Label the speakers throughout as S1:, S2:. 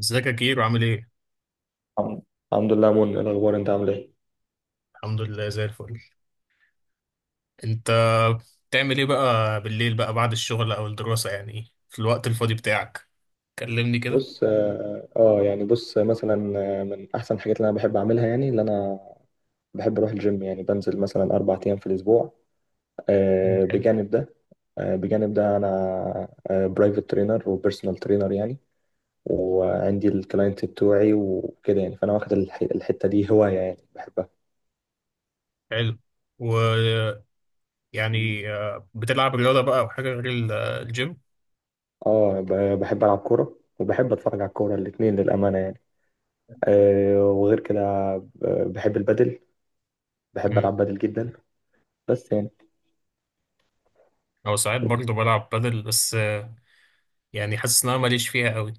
S1: ازيك يا كيرو؟ عامل ايه؟
S2: الحمد الحمد لله يا منى، إيه الاخبار؟ انت عامل ايه؟
S1: الحمد لله، زي الفل. انت بتعمل ايه بقى بالليل بقى بعد الشغل او الدراسة، يعني في الوقت الفاضي بتاعك؟ كلمني كده.
S2: بص، يعني بص مثلا. من احسن الحاجات اللي انا بحب اعملها، يعني اللي انا بحب اروح الجيم. يعني بنزل مثلا 4 ايام في الاسبوع. آه،
S1: حلو.
S2: بجانب ده بجانب ده انا برايفت ترينر وبيرسونال ترينر يعني. وعندي الكلاينت بتوعي وكده، يعني فانا واخد الحتة دي هواية يعني بحبها.
S1: حلو. و يعني آه، بتلعب رياضة بقى او حاجة غير الجيم؟
S2: اه، بحب العب كورة وبحب اتفرج على الكورة، الاتنين للأمانة يعني. وغير كده، بحب البادل، بحب
S1: امم
S2: العب بادل جدا. بس يعني،
S1: او ساعات برضه بلعب بدل، بس آه، يعني حاسس ان انا ماليش فيها قوي.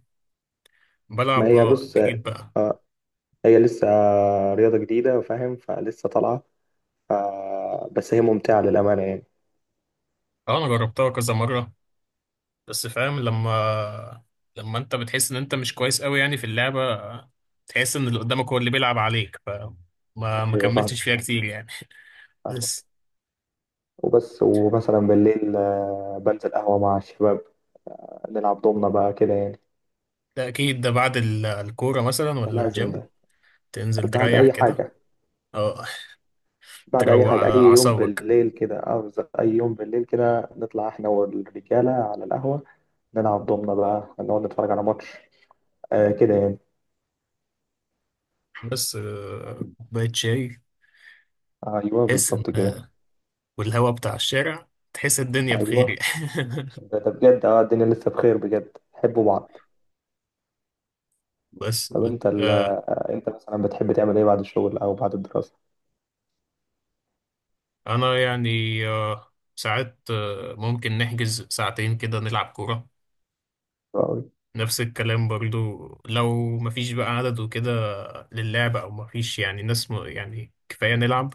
S2: ما
S1: بلعب
S2: هي
S1: اه
S2: بص،
S1: اكيد بقى.
S2: آه، هي لسه رياضة جديدة، فاهم؟ فلسه طالعة، ف- بس هي ممتعة للأمانة يعني.
S1: اه انا جربتها كذا مرة، بس فاهم لما انت بتحس ان انت مش كويس قوي يعني في اللعبة، تحس ان اللي قدامك هو اللي بيلعب عليك، فما ما
S2: أيوة فاهم،
S1: كملتش فيها كتير يعني.
S2: فاهمك.
S1: بس
S2: وبس، ومثلا بالليل بنزل قهوة مع الشباب، نلعب دومنا بقى كده يعني.
S1: ده اكيد، ده بعد الكورة مثلا
S2: ده
S1: ولا
S2: لازم،
S1: الجيم؟
S2: ده
S1: تنزل
S2: بعد
S1: تريح
S2: أي
S1: كده.
S2: حاجة،
S1: اه،
S2: بعد أي
S1: تروق
S2: حاجة
S1: على
S2: أي يوم
S1: اعصابك.
S2: بالليل كده، أي يوم بالليل كده نطلع إحنا والرجالة على القهوة. نلعب دومنا بقى، نقعد نتفرج على ماتش كده يعني.
S1: بس آه، كوباية شاي،
S2: أيوة
S1: تحس ان
S2: بالظبط كده.
S1: آه، والهوا بتاع الشارع، تحس الدنيا بخير
S2: أيوة،
S1: يعني.
S2: ده بجد، اه الدنيا لسه بخير بجد، حبوا بعض.
S1: بس
S2: طب
S1: بت-
S2: انت
S1: آه،
S2: انت مثلا بتحب تعمل ايه بعد الشغل او بعد الدراسة؟
S1: انا يعني، ساعات ممكن نحجز ساعتين كده نلعب كورة.
S2: حلو قوي،
S1: نفس الكلام برضو، لو مفيش بقى عدد وكده للعب، او مفيش يعني ناس يعني كفاية نلعب.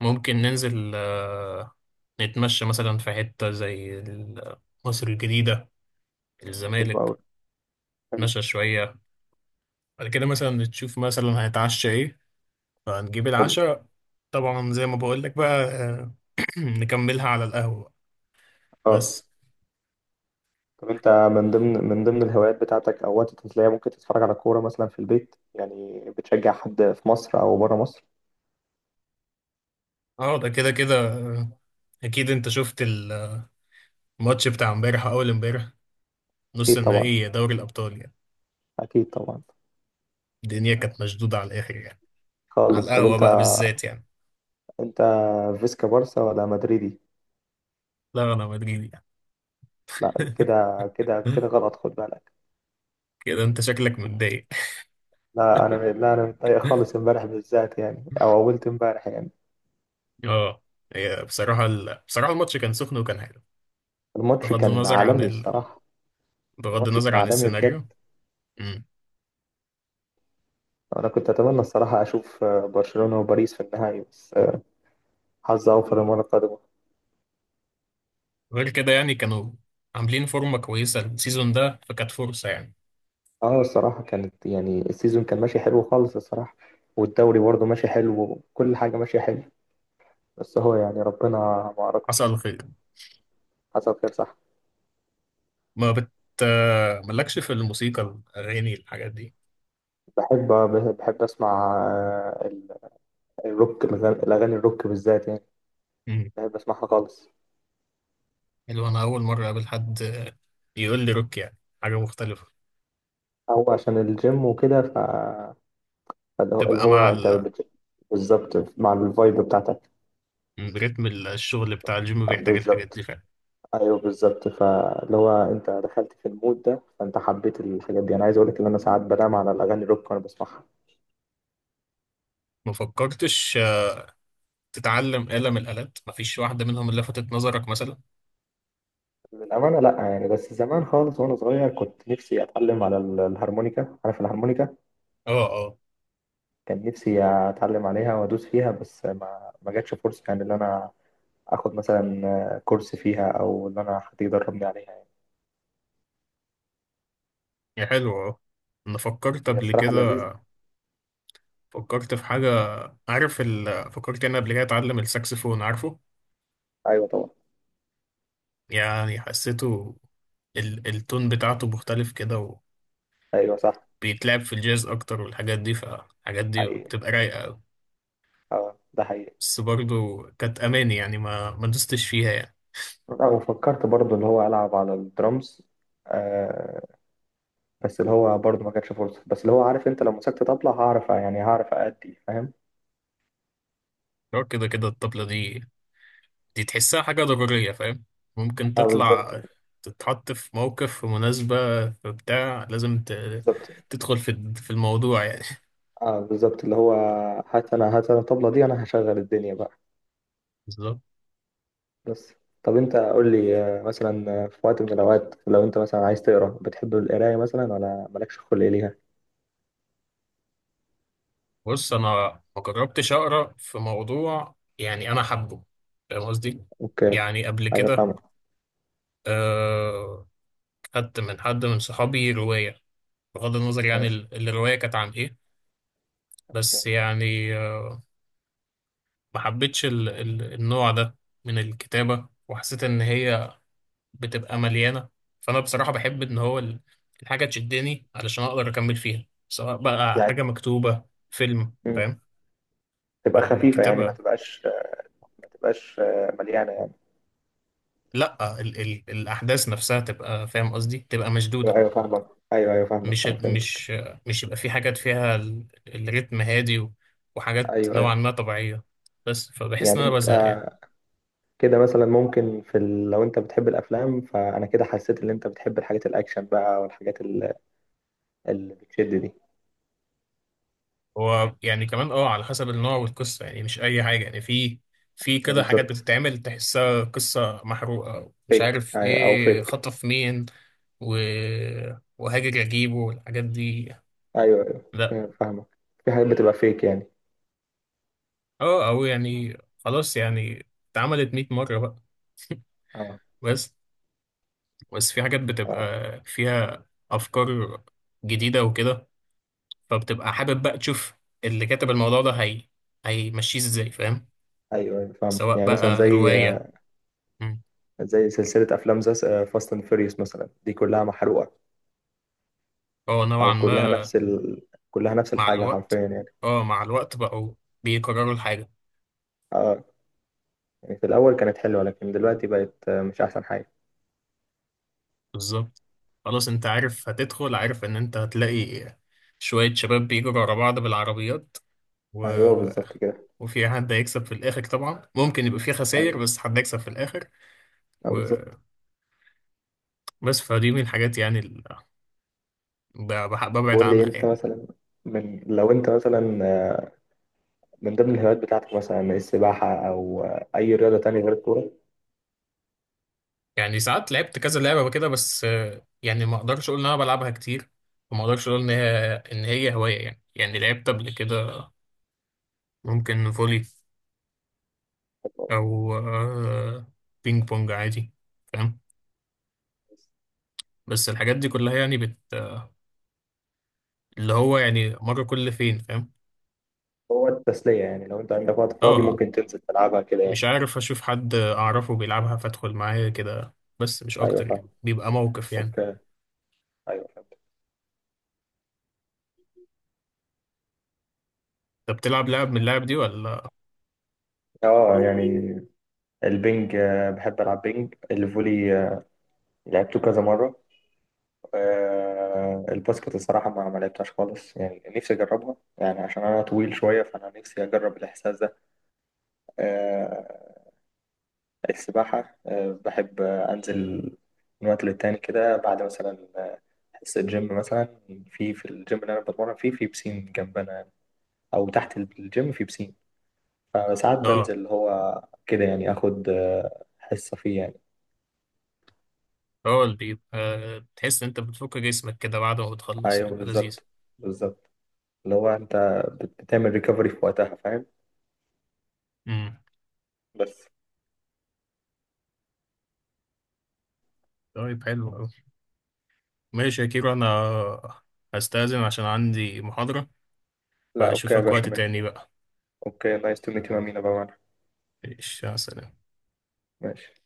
S1: ممكن ننزل نتمشى مثلا في حتة مصر الجديدة،
S2: حلو
S1: الزمالك،
S2: قوي، حلو،
S1: نتمشى شوية. بعد كده مثلا نشوف مثلا هنتعشى ايه، فهنجيب
S2: حلو،
S1: العشاء. طبعا زي ما بقولك بقى، نكملها على القهوة.
S2: اه.
S1: بس.
S2: طب انت، من ضمن الهوايات بتاعتك او وقت تسلية، ممكن تتفرج على كورة مثلا في البيت؟ يعني بتشجع حد في مصر او بره مصر؟
S1: اه ده كده كده، اكيد انت شفت الماتش بتاع امبارح أو اول امبارح، نص
S2: اكيد طبعا،
S1: النهائي دوري الأبطال يعني.
S2: اكيد طبعا،
S1: الدنيا كانت مشدودة على الآخر يعني، على
S2: خالص. طب
S1: القهوة
S2: انت،
S1: بقى بالذات يعني.
S2: انت فيسكا بارسا ولا مدريدي؟
S1: لا، أنا مدريدي يعني.
S2: لا، كده كده كده غلط، خد بالك.
S1: كده أنت شكلك متضايق.
S2: لا انا لا انا متضايق خالص امبارح بالذات يعني، او اولت امبارح يعني.
S1: اه، هي بصراحة بصراحة الماتش كان سخن وكان حلو.
S2: الماتش
S1: بغض
S2: كان
S1: النظر عن
S2: عالمي
S1: ال...
S2: الصراحة،
S1: بغض
S2: الماتش
S1: النظر
S2: كان
S1: عن
S2: عالمي بجد.
S1: السيناريو. مم.
S2: أنا كنت أتمنى الصراحة أشوف برشلونة وباريس في النهائي، بس حظ أوفر المرة القادمة.
S1: غير كده يعني، كانوا عاملين فورمة كويسة السيزون ده، فكانت فرصة يعني.
S2: أه، الصراحة كانت يعني السيزون كان ماشي حلو خالص الصراحة، والدوري برضه ماشي حلو، وكل حاجة ماشية حلو، بس هو يعني ربنا ما أردش.
S1: حصل خير.
S2: حصل خير، صح.
S1: ما بت مالكش في الموسيقى، الأغاني، الحاجات دي؟
S2: بحب بحب أسمع الروك، الأغاني الروك بالذات يعني، بحب أسمعها خالص.
S1: حلو، انا اول مره اقابل حد يقول لي روك يعني، حاجه مختلفه.
S2: هو عشان الجيم وكده، ف فاللي هو اللي
S1: تبقى
S2: هو
S1: مع
S2: أنت بالظبط مع الفايب بتاعت.
S1: رتم الشغل بتاع الجيم بيحتاج الحاجات
S2: بالظبط،
S1: دي فعلا.
S2: ايوه بالظبط. فاللي هو انت دخلت في المود ده، فانت حبيت الحاجات دي. انا عايز اقول لك ان انا ساعات بنام على الاغاني الروك وانا بسمعها.
S1: ما فكرتش تتعلم آلة من الآلات؟ مفيش واحدة منهم اللي لفتت نظرك مثلا؟
S2: للامانه لا، يعني بس زمان خالص وانا صغير كنت نفسي اتعلم على الهارمونيكا، عارف الهارمونيكا؟
S1: اه اه.
S2: كان نفسي اتعلم عليها وادوس فيها، بس ما جاتش فرصه يعني ان انا اخد مثلا كورس فيها، او ان انا حد يدربني عليها يعني.
S1: يا حلو، اه. انا فكرت
S2: هي
S1: قبل
S2: الصراحه
S1: كده،
S2: لذيذه.
S1: فكرت في حاجة. فكرت انا قبل كده اتعلم الساكسفون، عارفه؟
S2: ايوه طبعا.
S1: يعني حسيته، التون بتاعته مختلف كده.
S2: ايوه صح.
S1: وبيتلعب في الجاز اكتر والحاجات دي، فالحاجات دي
S2: حقيقي،
S1: بتبقى رايقة أوي.
S2: اه ده حقيقي.
S1: بس برضو كانت أماني يعني، ما دوستش فيها يعني.
S2: لا، وفكرت برضو اللي هو العب على الدرامز. آه، بس اللي هو برضه ما كانتش فرصة. بس اللي هو عارف، انت لو مسكت طبلة هعرف، يعني هعرف أأدي، فاهم؟
S1: هو كده كده الطبلة دي، دي تحسها حاجة ضرورية، فاهم؟ ممكن
S2: اه بالظبط،
S1: تطلع، تتحط في موقف، في مناسبة، في بتاع، لازم
S2: بالظبط.
S1: تدخل في الموضوع يعني.
S2: اه بالظبط، اللي هو هات انا، هات انا الطبلة دي، انا هشغل الدنيا بقى.
S1: بالظبط.
S2: بس. طب انت قول لي مثلا في وقت من الاوقات لو انت مثلا عايز تقرا، بتحب القراية مثلا ولا مالكش خلق ليها؟
S1: بص أنا ما جربتش أقرأ في موضوع يعني أنا حابه، فاهم قصدي؟
S2: اوكي.
S1: يعني قبل
S2: ايوه
S1: كده
S2: فاهمك.
S1: آه، خدت من حد من صحابي رواية، بغض النظر يعني
S2: ماشي
S1: الرواية كانت عن إيه، بس يعني ما حبيتش النوع ده من الكتابة. وحسيت إن هي بتبقى مليانة. فأنا بصراحة بحب إن هو الحاجة تشدني علشان أقدر أكمل فيها، سواء بقى حاجة
S2: يعني.
S1: مكتوبة، فيلم،
S2: مم.
S1: فاهم؟
S2: تبقى خفيفة يعني ما
S1: فالكتابة،
S2: تبقاش ما تبقاش آه، مليانة يعني.
S1: لأ، ال ال الأحداث نفسها تبقى، فاهم قصدي، تبقى
S2: ايوه
S1: مشدودة.
S2: أيوة، فاهمك. ايوه ايوه فاهمك،
S1: مش
S2: فاهم، فهمتك.
S1: مش مش يبقى في حاجات فيها الريتم هادي وحاجات
S2: ايوه
S1: نوعا
S2: ايوه،
S1: ما طبيعية، بس فبحس إن
S2: يعني
S1: أنا
S2: انت،
S1: بزهق يعني.
S2: كده مثلا ممكن في لو انت بتحب الافلام، فانا كده حسيت ان انت بتحب الحاجات الاكشن بقى، والحاجات اللي بتشد دي.
S1: هو يعني كمان اه، على حسب النوع والقصة يعني، مش أي حاجة يعني. في كده حاجات
S2: بالظبط.
S1: بتتعمل تحسها قصة محروقة، مش
S2: فيك
S1: عارف
S2: او
S1: ايه،
S2: فيك.
S1: خطف مين و... وهاجر أجيبه والحاجات دي،
S2: ايوه
S1: لأ.
S2: ايوه فاهمك، في حاجات بتبقى فيك يعني.
S1: اه، أو يعني خلاص يعني، اتعملت مية مرة بقى.
S2: اه
S1: بس، بس في حاجات بتبقى
S2: آه.
S1: فيها أفكار جديدة وكده، فبتبقى حابب بقى تشوف اللي كاتب الموضوع ده هي هيمشيه ازاي، فاهم؟
S2: ايوه ايوه فاهم،
S1: سواء
S2: يعني مثلا
S1: بقى
S2: زي
S1: رواية. مم.
S2: زي سلسله افلام زي فاست اند فيريوس مثلا، دي كلها محروقه.
S1: هو نوعا
S2: او كلها
S1: ما
S2: نفس كلها نفس
S1: مع
S2: الحاجه
S1: الوقت،
S2: حرفيا يعني.
S1: اه مع الوقت بقوا بيكرروا الحاجة.
S2: اه، يعني في الاول كانت حلوه لكن دلوقتي بقت مش احسن حاجه.
S1: بالظبط. خلاص انت عارف هتدخل، عارف ان انت هتلاقي شوية شباب بيجروا ورا بعض بالعربيات و...
S2: ايوه بالظبط كده.
S1: وفي حد هيكسب في الآخر، طبعا ممكن يبقى في خسائر
S2: ايوه
S1: بس حد هيكسب في الآخر. وبس.
S2: بالظبط.
S1: فدي من الحاجات يعني ببعد
S2: بقول لي
S1: عنها
S2: انت
S1: يعني.
S2: مثلا، لو انت مثلا من ضمن الهوايات بتاعتك، مثلا السباحة او اي رياضة تانية غير الكورة؟
S1: يعني ساعات لعبت كذا لعبة كده، بس آه، يعني ما اقدرش اقول ان انا بلعبها كتير، وما اقدرش اقول ان هي هواية يعني. يعني لعبت قبل كده ممكن فولي او بينج بونج عادي، فاهم؟ بس الحاجات دي كلها يعني اللي هو يعني مرة كل فين، فاهم؟
S2: هو التسلية يعني، لو انت عندك وقت
S1: اه
S2: فاضي
S1: اه.
S2: ممكن تنزل تلعبها كده يعني.
S1: مش عارف، اشوف حد اعرفه بيلعبها فادخل معاه كده، بس مش
S2: ايوه
S1: اكتر يعني،
S2: فاهم.
S1: بيبقى موقف يعني.
S2: اوكي. ايوه فاهم.
S1: انت بتلعب لعب من اللعب دي ولا؟
S2: اه يعني، البنج بحب العب بنج، الفولي لعبته كذا مرة. الباسكت الصراحة ما لعبتهاش خالص، يعني نفسي أجربها يعني عشان أنا طويل شوية، فأنا نفسي أجرب الإحساس ده. آه، السباحة بحب أنزل من وقت للتاني كده، بعد مثلا حصة جيم مثلا، في الجيم اللي أنا بتمرن فيه في بسين جنبنا يعني، أو تحت الجيم في بسين. فساعات
S1: اه،
S2: بنزل اللي هو كده يعني، آخد حصة فيه يعني.
S1: اه اللي بيبقى تحس إن انت بتفك جسمك كده بعد ما بتخلص،
S2: أيوه
S1: يبقى لذيذ.
S2: بالظبط، بالظبط، اللي هو أنت بتعمل ريكفري في وقتها، فاهم؟
S1: امم.
S2: بس.
S1: طيب، حلو قوي. ماشي يا كيرو، انا هستأذن عشان عندي محاضرة.
S2: لا أوكي يا
S1: فاشوفك
S2: باشا،
S1: وقت
S2: ماشي.
S1: تاني بقى.
S2: أوكي، نايس تو ميت يو أمينة بقى.
S1: ماشي، يا سلام.
S2: ماشي.